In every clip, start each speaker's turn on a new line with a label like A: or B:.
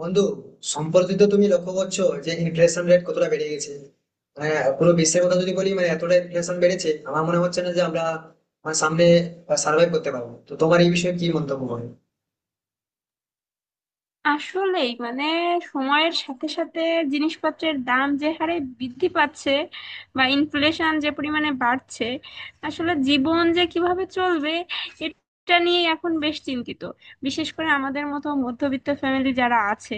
A: বন্ধু, সম্প্রতি তো তুমি লক্ষ্য করছো যে ইনফ্লেশন রেট কতটা বেড়ে গেছে। মানে পুরো বিশ্বের কথা যদি বলি, মানে এতটা ইনফ্লেশন বেড়েছে আমার মনে হচ্ছে না যে আমরা মানে সামনে সার্ভাইভ করতে পারবো। তো তোমার এই বিষয়ে কি মন্তব্য হবে?
B: আসলেই মানে সময়ের সাথে সাথে জিনিসপত্রের দাম যে হারে বৃদ্ধি পাচ্ছে, বা ইনফ্লেশন যে পরিমাণে বাড়ছে, আসলে জীবন যে কিভাবে চলবে এটা নিয়ে এখন বেশ চিন্তিত। বিশেষ করে আমাদের মতো মধ্যবিত্ত ফ্যামিলি যারা আছে,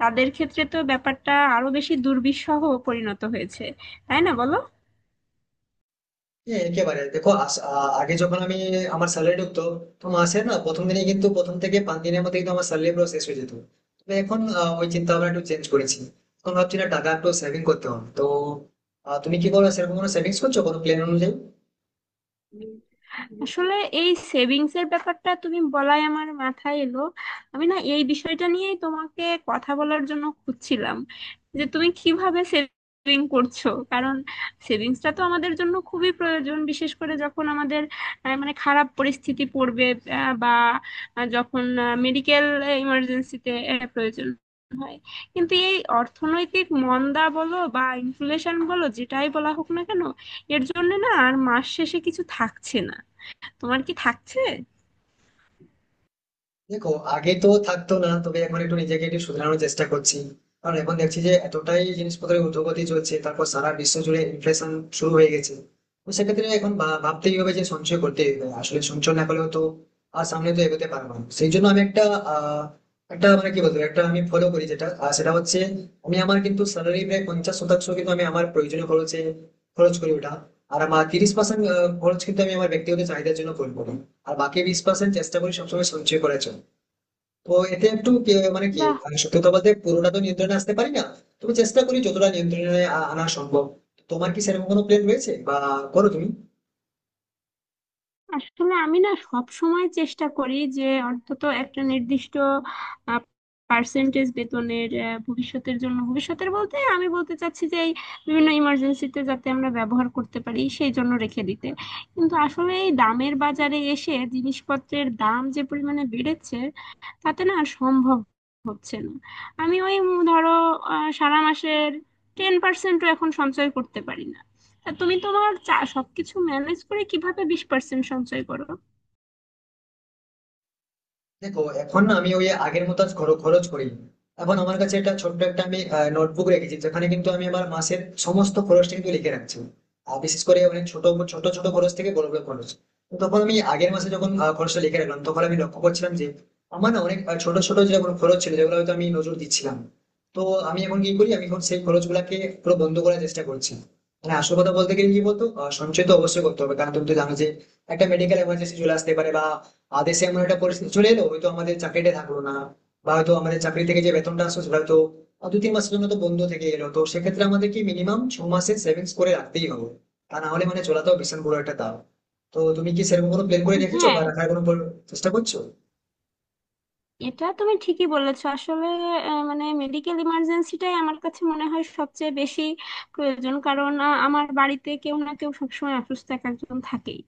B: তাদের ক্ষেত্রে তো ব্যাপারটা আরো বেশি দুর্বিষহ পরিণত হয়েছে, তাই না বলো।
A: হ্যাঁ একেবারে। দেখো আগে যখন আমি আমার স্যালারি ঢুকতো, তো মাসে না প্রথম দিনে কিন্তু প্রথম থেকে 5 দিনের মধ্যে কিন্তু আমার স্যালারি পুরো শেষ হয়ে যেত। তবে এখন ওই চিন্তা ভাবনা একটু চেঞ্জ করেছি। এখন ভাবছি না টাকা একটু সেভিং করতে হবে। তো তুমি কি করো, সেরকম কোনো সেভিংস করছো কোনো প্ল্যান অনুযায়ী?
B: আসলে এই সেভিংস এর ব্যাপারটা তুমি বলাই আমার মাথায় এলো। আমি না এই বিষয়টা নিয়েই তোমাকে কথা বলার জন্য খুঁজছিলাম যে তুমি কিভাবে সেভিং করছো, কারণ সেভিংসটা তো আমাদের জন্য খুবই প্রয়োজন, বিশেষ করে যখন আমাদের মানে খারাপ পরিস্থিতি পড়বে, বা যখন মেডিকেল ইমার্জেন্সিতে প্রয়োজন হয়। কিন্তু এই অর্থনৈতিক মন্দা বলো বা ইনফ্লেশন বলো, যেটাই বলা হোক না কেন, এর জন্য না আর মাস শেষে কিছু থাকছে না। তোমার কি থাকছে?
A: দেখো আগে তো থাকতো না, তবে এখন একটু নিজেকে একটু শুধরানোর চেষ্টা করছি। কারণ এখন দেখছি যে এতটাই জিনিসপত্রের ঊর্ধ্বগতি চলছে, তারপর সারা বিশ্ব জুড়ে ইনফ্লেশন শুরু হয়ে গেছে। তো সেক্ষেত্রে এখন ভাবতেই হবে যে সঞ্চয় করতে হবে, আসলে সঞ্চয় না করলেও তো আর সামনে তো এগোতে পারবো না। সেই জন্য আমি একটা আহ একটা মানে কি বলবো, একটা আমি ফলো করি যেটা। আর সেটা হচ্ছে আমি আমার কিন্তু স্যালারি প্রায় 50 শতাংশ কিন্তু আমি আমার প্রয়োজনীয় খরচে খরচ করি ওটা। আর আমার 30% খরচ কিন্তু আমি আমার ব্যক্তিগত চাহিদার জন্য করবো। আর বাকি 20% চেষ্টা করি সবসময় সঞ্চয় করার জন্য। তো এতে একটু কি মানে কি
B: বাহ।
A: মানে, সত্যি কথা বলতে পুরোটা তো নিয়ন্ত্রণে আসতে পারি না। তবে চেষ্টা করি যতটা নিয়ন্ত্রণে আনা সম্ভব। তোমার কি সেরকম কোনো প্ল্যান রয়েছে, বা করো তুমি?
B: আসলে আমি না সব সময় চেষ্টা করি যে অন্তত একটা নির্দিষ্ট পার্সেন্টেজ বেতনের ভবিষ্যতের জন্য, ভবিষ্যতের বলতে আমি বলতে চাচ্ছি যে এই বিভিন্ন ইমার্জেন্সিতে যাতে আমরা ব্যবহার করতে পারি সেই জন্য রেখে দিতে। কিন্তু আসলে এই দামের বাজারে এসে জিনিসপত্রের দাম যে পরিমাণে বেড়েছে, তাতে না আর সম্ভব হচ্ছে না। আমি ওই ধরো সারা মাসের 10%ও এখন সঞ্চয় করতে পারি না। তা তুমি তোমার সবকিছু ম্যানেজ করে কিভাবে 20% সঞ্চয় করো?
A: দেখো এখন না আমি ওই আগের মতো আর খরচ করি না। এখন আমার কাছে একটা ছোট্ট একটা আমি নোটবুক রেখেছি যেখানে কিন্তু আমি আমার মাসের সমস্ত খরচটা কিন্তু লিখে রাখছি। আর বিশেষ করে অনেক ছোট ছোট ছোট খরচ থেকে বড় বড় খরচ। তো তখন আমি আগের মাসে যখন খরচটা লিখে রাখলাম তখন আমি লক্ষ্য করছিলাম যে আমার না অনেক ছোট ছোট যেগুলো খরচ ছিল যেগুলো হয়তো আমি নজর দিচ্ছিলাম। তো আমি এখন কি করি, আমি এখন সেই খরচ গুলাকে পুরো বন্ধ করার চেষ্টা করছি। মানে আসল কথা বলতে গেলে কি বলতো, সঞ্চয় তো অবশ্যই করতে হবে কারণ তুমি তো জানো যে একটা মেডিকেল এমার্জেন্সি চলে আসতে পারে, বা দেশে এমন একটা পরিস্থিতি চলে এলো হয়তো আমাদের চাকরিটা থাকলো না, বা হয়তো আমাদের চাকরি থেকে যে বেতনটা আসলো সেটা হয়তো 2-3 মাসের জন্য তো বন্ধ থেকে এলো। তো সেক্ষেত্রে আমাদের কি মিনিমাম 6 মাসের সেভিংস করে রাখতেই হবে, তা না হলে মানে চলাতেও ভীষণ বড় একটা দাও। তো তুমি কি সেরকম কোনো প্ল্যান করে রেখেছো
B: হ্যাঁ,
A: বা রাখার কোনো চেষ্টা করছো?
B: এটা তুমি ঠিকই বলেছো। আসলে মানে মেডিকেল ইমার্জেন্সিটাই আমার কাছে মনে হয় সবচেয়ে বেশি প্রয়োজন, কারণ আমার বাড়িতে কেউ না কেউ সবসময় অসুস্থ, এক একজন থাকেই।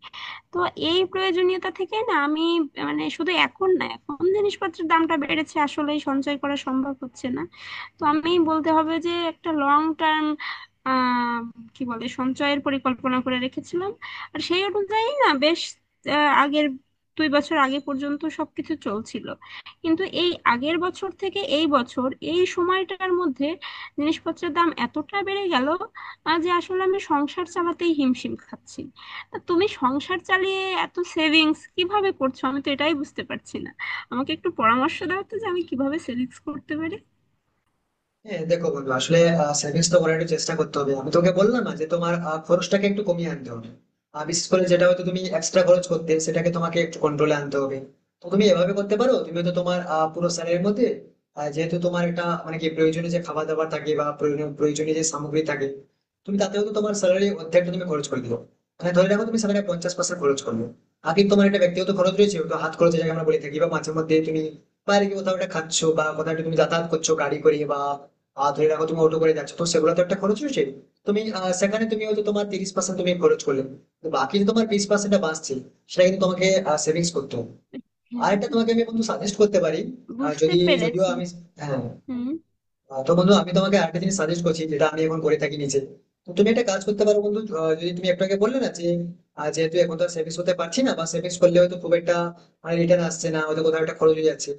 B: তো এই প্রয়োজনীয়তা থেকে না আমি মানে শুধু এখন না, এখন জিনিসপত্রের দামটা বেড়েছে আসলে সঞ্চয় করা সম্ভব হচ্ছে না। তো আমি বলতে হবে যে একটা লং টার্ম আহ কি বলে সঞ্চয়ের পরিকল্পনা করে রেখেছিলাম। আর সেই অনুযায়ী না বেশ আগের 2 বছর আগে পর্যন্ত সবকিছু চলছিল। কিন্তু এই আগের বছর থেকে এই বছর এই সময়টার মধ্যে জিনিসপত্রের দাম এতটা বেড়ে গেল যে আসলে আমি সংসার চালাতেই হিমশিম খাচ্ছি। তা তুমি সংসার চালিয়ে এত সেভিংস কিভাবে করছো, আমি তো এটাই বুঝতে পারছি না। আমাকে একটু পরামর্শ দাও তো যে আমি কিভাবে সেভিংস করতে পারি।
A: হ্যাঁ দেখো বন্ধু, আসলে সেভিংস তো করার একটু চেষ্টা করতে হবে। আমি তোকে বললাম না যে তোমার খরচটাকে একটু কমিয়ে আনতে হবে। আর বিশেষ করে যেটা হয়তো তুমি এক্সট্রা খরচ করতে সেটাকে তোমাকে একটু কন্ট্রোলে আনতে হবে। তো তুমি এভাবে করতে পারো, তুমি তো তোমার পুরো স্যালারির মধ্যে যেহেতু তোমার একটা মানে কি প্রয়োজনীয় যে খাবার দাবার থাকে বা প্রয়োজনীয় প্রয়োজনীয় যে সামগ্রী থাকে, তুমি তাতেও তো তোমার স্যালারি অর্ধেকটা তুমি খরচ করে দিও। মানে ধরে রাখো তুমি স্যালারি 50% খরচ করবে। আর কিন্তু তোমার একটা ব্যক্তিগত খরচ রয়েছে, ওটা হাত খরচ যাকে আমরা বলে থাকি, বা মাঝে মধ্যে তুমি বাইরে গিয়ে কোথাও একটা খাচ্ছো বা কোথাও একটা তুমি যাতায়াত করছো গাড়ি করে বা ধরে রাখো তুমি অটো করে যাচ্ছ, তো সেগুলো তো একটা খরচ হয়েছে। তুমি সেখানে তুমি হয়তো তোমার 30% তুমি খরচ করলে। তো বাকি যে তোমার 20% বাঁচছে সেটা কিন্তু তোমাকে সেভিংস করতে হবে। আর
B: হ্যাঁ,
A: একটা তোমাকে আমি বন্ধু সাজেস্ট করতে পারি।
B: বুঝতে
A: যদি যদিও
B: পেরেছি।
A: আমি, হ্যাঁ।
B: হুম।
A: তো বন্ধু আমি তোমাকে আরেকটা জিনিস সাজেস্ট করছি যেটা আমি এখন করে থাকি নিজে। তো তুমি একটা কাজ করতে পারো বন্ধু। যদি তুমি একটু আগে বললে না যে যেহেতু এখন তো সেভিংস করতে পারছি না বা সেভিংস করলে হয়তো খুব একটা রিটার্ন আসছে না, হয়তো কোথাও একটা খরচ হয়ে যাচ্ছে।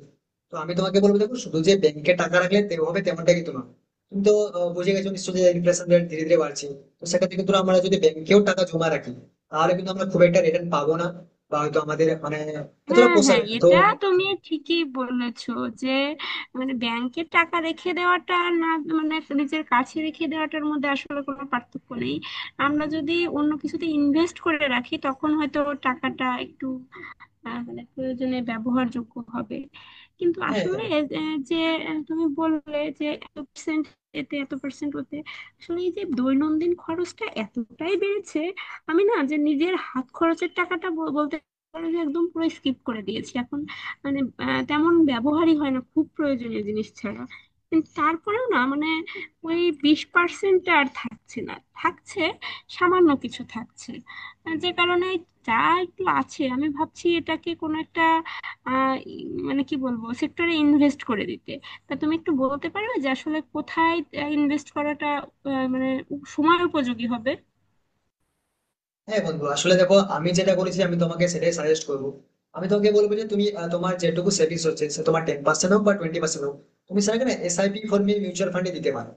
A: তো আমি তোমাকে বলবো, দেখো শুধু যে ব্যাংকে টাকা রাখলে হবে তেমনটা কিন্তু না। তুমি তো বুঝে গেছো নিশ্চয়ই যে ইনফ্লেশন রেট ধীরে ধীরে বাড়ছে। তো সেক্ষেত্রে কিন্তু আমরা যদি ব্যাংকেও টাকা জমা রাখি, তাহলে কিন্তু আমরা খুব একটা রিটার্ন পাবো না, বা হয়তো আমাদের মানে এতটা
B: হ্যাঁ,
A: পোষাবে
B: হ্যাঁ,
A: না তো।
B: এটা তুমি ঠিকই বলেছো যে মানে ব্যাংকে টাকা রেখে দেওয়াটা আর না মানে নিজের কাছে রেখে দেওয়াটার মধ্যে আসলে কোনো পার্থক্য নেই। আমরা যদি অন্য কিছুতে ইনভেস্ট করে রাখি, তখন হয়তো টাকাটা একটু মানে প্রয়োজনে ব্যবহারযোগ্য হবে। কিন্তু
A: হ্যাঁ
B: আসলে
A: হ্যাঁ।
B: আহ, যে তুমি বললে যে এত percent, এতে এত পার্সেন্ট ওতে, আসলে এই যে দৈনন্দিন খরচটা এতটাই বেড়েছে, আমি না যে নিজের হাত খরচের টাকাটা বলতে পারো যে একদম পুরো স্কিপ করে দিয়েছি এখন। মানে তেমন ব্যবহারই হয় না, খুব প্রয়োজনীয় জিনিস ছাড়া। কিন্তু তারপরেও না মানে ওই 20% আর থাকছে না, থাকছে সামান্য কিছু থাকছে। যে কারণে, যা একটু আছে আমি ভাবছি এটাকে কোনো একটা মানে কি বলবো সেক্টরে ইনভেস্ট করে দিতে। তা তুমি একটু বলতে পারবে যে আসলে কোথায় ইনভেস্ট করাটা মানে সময় উপযোগী হবে?
A: হ্যাঁ বন্ধু আসলে দেখো, আমি যেটা করেছি আমি তোমাকে সেটাই সাজেস্ট করবো। আমি তোমাকে বলবো যে তুমি তোমার যেটুকু সেভিংস হচ্ছে, সে তোমার 10% হোক বা 20% হোক, তুমি সেটাকে না এসআইপি ফর্মে মিউচুয়াল ফান্ডে দিতে পারো।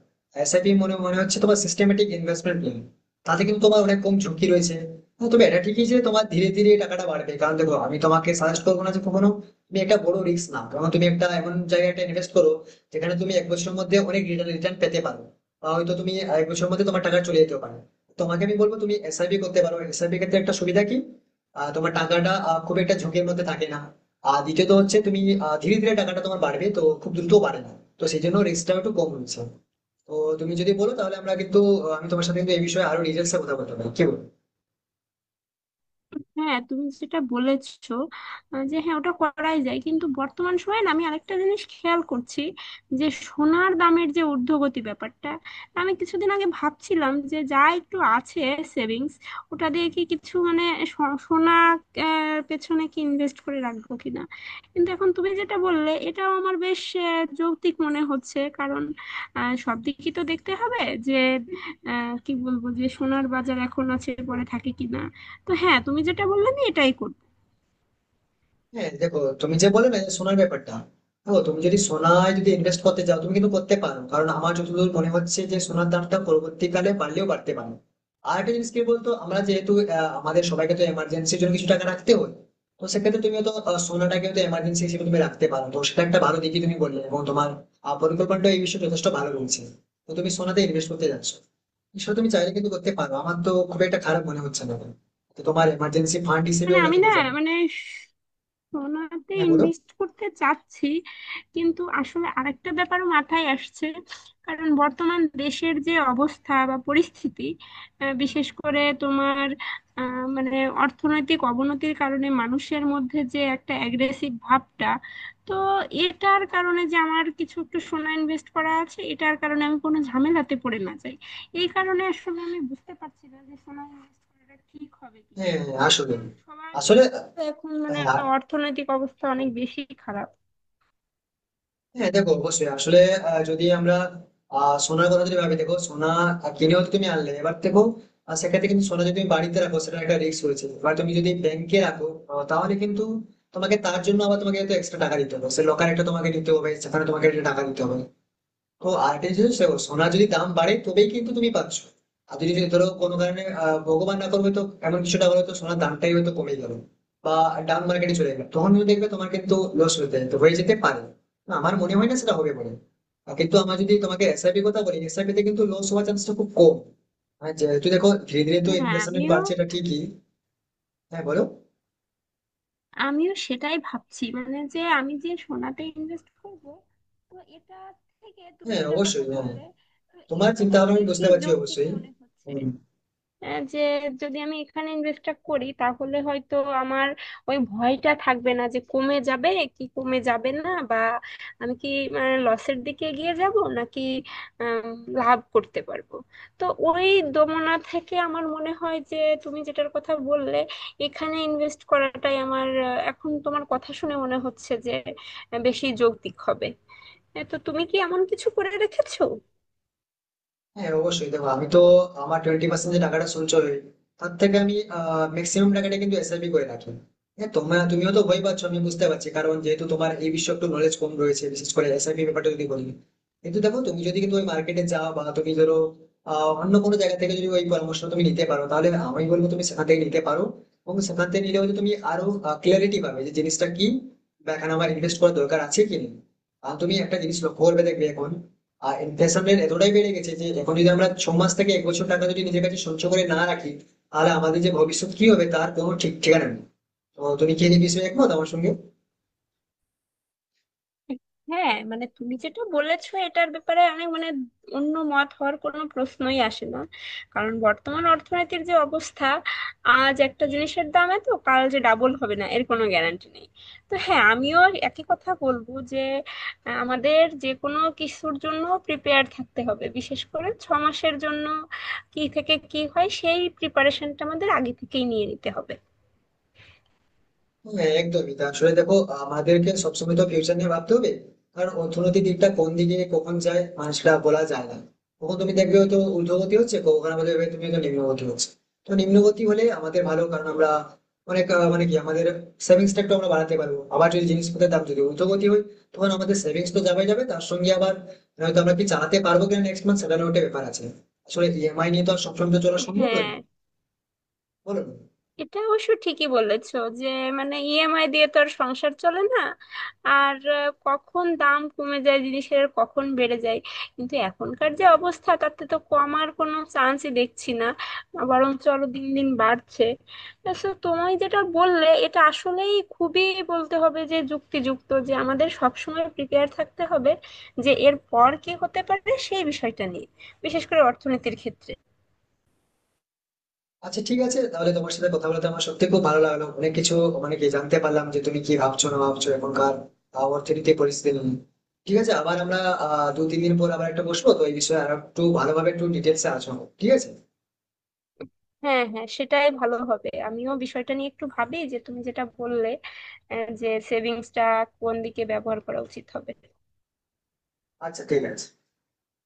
A: এসআইপি মনে মনে হচ্ছে তোমার সিস্টেমেটিক ইনভেস্টমেন্ট প্ল্যান। তাতে কিন্তু তোমার অনেক কম ঝুঁকি রয়েছে। হ্যাঁ, তবে এটা ঠিকই যে তোমার ধীরে ধীরে এই টাকাটা বাড়বে। কারণ দেখো আমি তোমাকে সাজেস্ট করবো না যে কখনো তুমি একটা বড় রিস্ক নাও, কারণ তুমি একটা এমন জায়গায় একটা ইনভেস্ট করো যেখানে তুমি 1 বছরের মধ্যে অনেক রিটার্ন পেতে পারো, বা হয়তো তুমি 1 বছরের মধ্যে তোমার টাকা চলে যেতে পারে। তোমাকে আমি বলবো তুমি এসআইপি করতে পারো। এসআইপি ক্ষেত্রে একটা সুবিধা কি, তোমার টাকাটা খুব একটা ঝুঁকির মধ্যে থাকে না। আর দ্বিতীয়ত হচ্ছে তুমি ধীরে ধীরে টাকাটা তোমার বাড়বে তো, খুব দ্রুত বাড়ে না। তো সেই জন্য রিস্কটাও একটু কম রয়েছে। তো তুমি যদি বলো তাহলে আমরা কিন্তু আমি তোমার সাথে কিন্তু এই বিষয়ে আরো ডিটেলসে কথা বলতে পারি, কি বলো?
B: হ্যাঁ, তুমি যেটা বলেছো যে হ্যাঁ, ওটা করাই যায়, কিন্তু বর্তমান সময়ে না আমি আরেকটা জিনিস খেয়াল করছি যে সোনার দামের যে ঊর্ধ্বগতি ব্যাপারটা। আমি কিছুদিন আগে ভাবছিলাম যে যা একটু আছে সেভিংস ওটা দিয়ে কি কিছু মানে সোনা পেছনে কি ইনভেস্ট করে রাখবো কিনা। কিন্তু এখন তুমি যেটা বললে এটাও আমার বেশ যৌক্তিক মনে হচ্ছে, কারণ সব দিকই তো দেখতে হবে যে কি বলবো যে সোনার বাজার এখন আছে পরে থাকে কিনা। তো হ্যাঁ, তুমি যেটা বললে আমি এটাই করবো।
A: হ্যাঁ দেখো তুমি যে বলে না যে সোনার ব্যাপারটা, দেখো তুমি যদি সোনায় যদি ইনভেস্ট করতে চাও তুমি কিন্তু করতে পারো, কারণ আমার যতদূর মনে হচ্ছে যে সোনার দামটা পরবর্তীকালে বাড়লেও বাড়তে পারে। আর একটা জিনিস কি বলতো, আমরা যেহেতু আমাদের সবাইকে তো এমার্জেন্সির জন্য কিছু টাকা রাখতে হয়। তো সেক্ষেত্রে তুমি তো সোনাটাকে তো এমার্জেন্সি হিসেবে তুমি রাখতে পারো, তো সেটা একটা ভালো দিকই তুমি বললে, এবং তোমার পরিকল্পনাটা এই বিষয়ে যথেষ্ট ভালো রয়েছে। তো তুমি সোনাতে ইনভেস্ট করতে যাচ্ছ, সেটা তুমি চাইলে কিন্তু করতে পারো, আমার তো খুব একটা খারাপ মনে হচ্ছে না। তো তোমার এমার্জেন্সি ফান্ড হিসেবে
B: মানে
A: ওটা
B: আমি
A: থেকে
B: না
A: যাবে।
B: মানে সোনাতে
A: হ্যাঁ বলো।
B: ইনভেস্ট করতে চাচ্ছি, কিন্তু আসলে আরেকটা ব্যাপারও মাথায় আসছে। কারণ বর্তমান দেশের যে অবস্থা বা পরিস্থিতি, বিশেষ করে তোমার মানে অর্থনৈতিক অবনতির কারণে মানুষের মধ্যে যে একটা অ্যাগ্রেসিভ ভাবটা, তো এটার কারণে যে আমার কিছু একটু সোনা ইনভেস্ট করা আছে এটার কারণে আমি কোনো ঝামেলাতে পড়ে না যাই, এই কারণে আসলে আমি বুঝতে পারছি না যে সোনা ইনভেস্ট করাটা ঠিক হবে কিনা।
A: হ্যাঁ হ্যাঁ, আসলে।
B: কারণ সবার
A: আসলে
B: এখন মানে
A: হ্যাঁ
B: অর্থনৈতিক অবস্থা অনেক বেশি খারাপ।
A: হ্যাঁ, দেখো অবশ্যই আসলে যদি আমরা সোনার কথা যদি ভাবি, দেখো সোনা কিনেও তো তুমি আনলে। এবার দেখো সেক্ষেত্রে কিন্তু সোনা যদি তুমি বাড়িতে রাখো সেটা একটা রিস্ক রয়েছে। এবার তুমি যদি ব্যাংকে রাখো তাহলে কিন্তু তোমাকে তার জন্য আবার তোমাকে এক্সট্রা টাকা দিতে হবে, সে লকার একটা তোমাকে নিতে হবে, সেখানে তোমাকে একটা টাকা দিতে হবে। তো আর্টিফিশিয়াল সোনার যদি দাম বাড়ে তবেই কিন্তু তুমি পাচ্ছ। আর যদি যদি ধরো কোনো কারণে, ভগবান না করবে তো, এমন কিছুটা হলো, তো সোনার দামটাই হয়তো কমে গেল বা ডাউন মার্কেটে চলে গেল, তখন কিন্তু দেখবে তোমার কিন্তু লস হতে তো হয়ে যেতে পারে। না, আমার মনে হয় না সেটা হবে বলে। কিন্তু আমার যদি তোমাকে এসআইপি কথা বলি, এসআইপি তে কিন্তু লস হওয়ার চান্সটা খুব কম। হ্যাঁ, যেহেতু দেখো ধীরে ধীরে তো
B: হ্যাঁ,
A: ইনফ্লেশন রেট
B: আমিও,
A: বাড়ছে, এটা ঠিকই। হ্যাঁ বলো।
B: আমিও সেটাই ভাবছি মানে যে আমি যে সোনাতে ইনভেস্ট করব, তো এটা থেকে তুমি
A: হ্যাঁ
B: যেটার কথা
A: অবশ্যই হ্যাঁ।
B: বললে, তো
A: তোমার চিন্তা
B: এটাই
A: ভাবনা আমি
B: বেশি
A: বুঝতে পারছি
B: যৌক্তিক
A: অবশ্যই।
B: মনে হচ্ছে।
A: হম।
B: যে যদি আমি এখানে ইনভেস্টটা করি তাহলে হয়তো আমার ওই ভয়টা থাকবে না যে কমে যাবে কি কমে যাবে না, বা আমি কি লসের দিকে এগিয়ে যাব নাকি আম, লাভ করতে পারবো। তো ওই দোমনা থেকে আমার মনে হয় যে তুমি যেটার কথা বললে, এখানে ইনভেস্ট করাটাই আমার এখন তোমার কথা শুনে মনে হচ্ছে যে বেশি যৌক্তিক হবে। তো তুমি কি এমন কিছু করে রেখেছো?
A: হ্যাঁ অবশ্যই দেখো, আমি তো আমার 20% যে টাকাটা সঞ্চয় হয় তার থেকে আমি ম্যাক্সিমাম টাকাটা কিন্তু এসআইপি করে রাখি। হ্যাঁ তুমিও তো ভয় পাচ্ছ আমি বুঝতে পারছি, কারণ যেহেতু তোমার এই বিষয়ে একটু নলেজ কম রয়েছে, বিশেষ করে এসআইপি ব্যাপারটা যদি বলি। কিন্তু দেখো তুমি যদি কিন্তু ওই মার্কেটে যাও বা তুমি ধরো অন্য কোনো জায়গা থেকে যদি ওই পরামর্শ তুমি নিতে পারো, তাহলে আমি বলবো তুমি সেখান থেকে নিতে পারো। এবং সেখান থেকে নিলে হয়তো তুমি আরো ক্লিয়ারিটি পাবে যে জিনিসটা কি, বা এখানে আমার ইনভেস্ট করার দরকার আছে কি নেই। আর তুমি একটা জিনিস লক্ষ্য করবে, দেখবে এখন আর ইনফ্লেশনের এতটাই বেড়ে গেছে যে এখন যদি আমরা 6 মাস থেকে 1 বছর টাকা যদি নিজের কাছে সঞ্চয় করে না রাখি, তাহলে আমাদের যে ভবিষ্যৎ কি হবে তার কোনো ঠিক ঠিকানা নেই। তো তুমি কি এই বিষয়ে একমত আমার সঙ্গে?
B: হ্যাঁ, মানে তুমি যেটা বলেছো এটার ব্যাপারে অনেক মানে অন্য মত হওয়ার কোনো প্রশ্নই আসে না। কারণ বর্তমান অর্থনীতির যে অবস্থা, আজ একটা জিনিসের দাম এত কাল যে ডাবল হবে না এর কোনো গ্যারান্টি নেই। তো হ্যাঁ, আমিও একই কথা বলবো যে আমাদের যে কোনো কিছুর জন্য প্রিপেয়ার থাকতে হবে, বিশেষ করে 6 মাসের জন্য কি থেকে কি হয় সেই প্রিপারেশনটা আমাদের আগে থেকেই নিয়ে নিতে হবে।
A: হ্যাঁ একদমই তা। আসলে দেখো আমাদেরকে সবসময় তো ফিউচার নিয়ে ভাবতে হবে, কারণ অর্থনৈতিক দিকটা কোন দিকে কখন যায় মানুষটা বলা যায় না। কখন তুমি দেখবে হয়তো ঊর্ধ্বগতি হচ্ছে, কখন আমাদের দেখবে তুমি হয়তো নিম্নগতি হচ্ছে। তো নিম্নগতি হলে আমাদের ভালো, কারণ আমরা অনেক মানে কি আমাদের সেভিংস টা একটু আমরা বাড়াতে পারবো। আবার যদি জিনিসপত্রের দাম যদি ঊর্ধ্বগতি হয়, তখন আমাদের সেভিংস তো যাবে যাবে, তার সঙ্গে আবার হয়তো আমরা কি চালাতে পারবো কিনা নেক্সট মান্থ সেটারও একটা ব্যাপার আছে। আসলে ইএমআই নিয়ে তো আর সবসময় তো চলা সম্ভব
B: হ্যাঁ,
A: নয়, বলো না?
B: এটা অবশ্য ঠিকই বলেছো যে মানে ইএমআই দিয়ে তো আর সংসার চলে না। আর কখন দাম কমে যায় জিনিসের, কখন বেড়ে যায়, কিন্তু এখনকার যে অবস্থা তাতে তো কমার কোনো চান্সই দেখছি না, বরঞ্চ আরো দিন দিন বাড়ছে। তো তুমি যেটা বললে এটা আসলেই খুবই বলতে হবে যে যুক্তিযুক্ত, যে আমাদের সবসময় প্রিপেয়ার থাকতে হবে যে এর পর কি হতে পারে সেই বিষয়টা নিয়ে, বিশেষ করে অর্থনীতির ক্ষেত্রে।
A: আচ্ছা ঠিক আছে, তাহলে তোমার সাথে কথা বলতে আমার সত্যি খুব ভালো লাগলো। অনেক কিছু মানে কি জানতে পারলাম, যে তুমি কি ভাবছো না ভাবছো এখনকার অর্থনীতি পরিস্থিতি নিয়ে। ঠিক আছে, আবার আমরা 2-3 দিন পর আবার একটা বসবো তো এই বিষয়ে, আর একটু ভালোভাবে একটু ডিটেলসে আলোচনা করবো। ঠিক আছে?
B: হ্যাঁ, হ্যাঁ, সেটাই ভালো হবে, আমিও বিষয়টা নিয়ে একটু ভাবি যে তুমি যেটা বললে যে সেভিংসটা কোন দিকে ব্যবহার করা উচিত হবে।
A: আচ্ছা ঠিক আছে।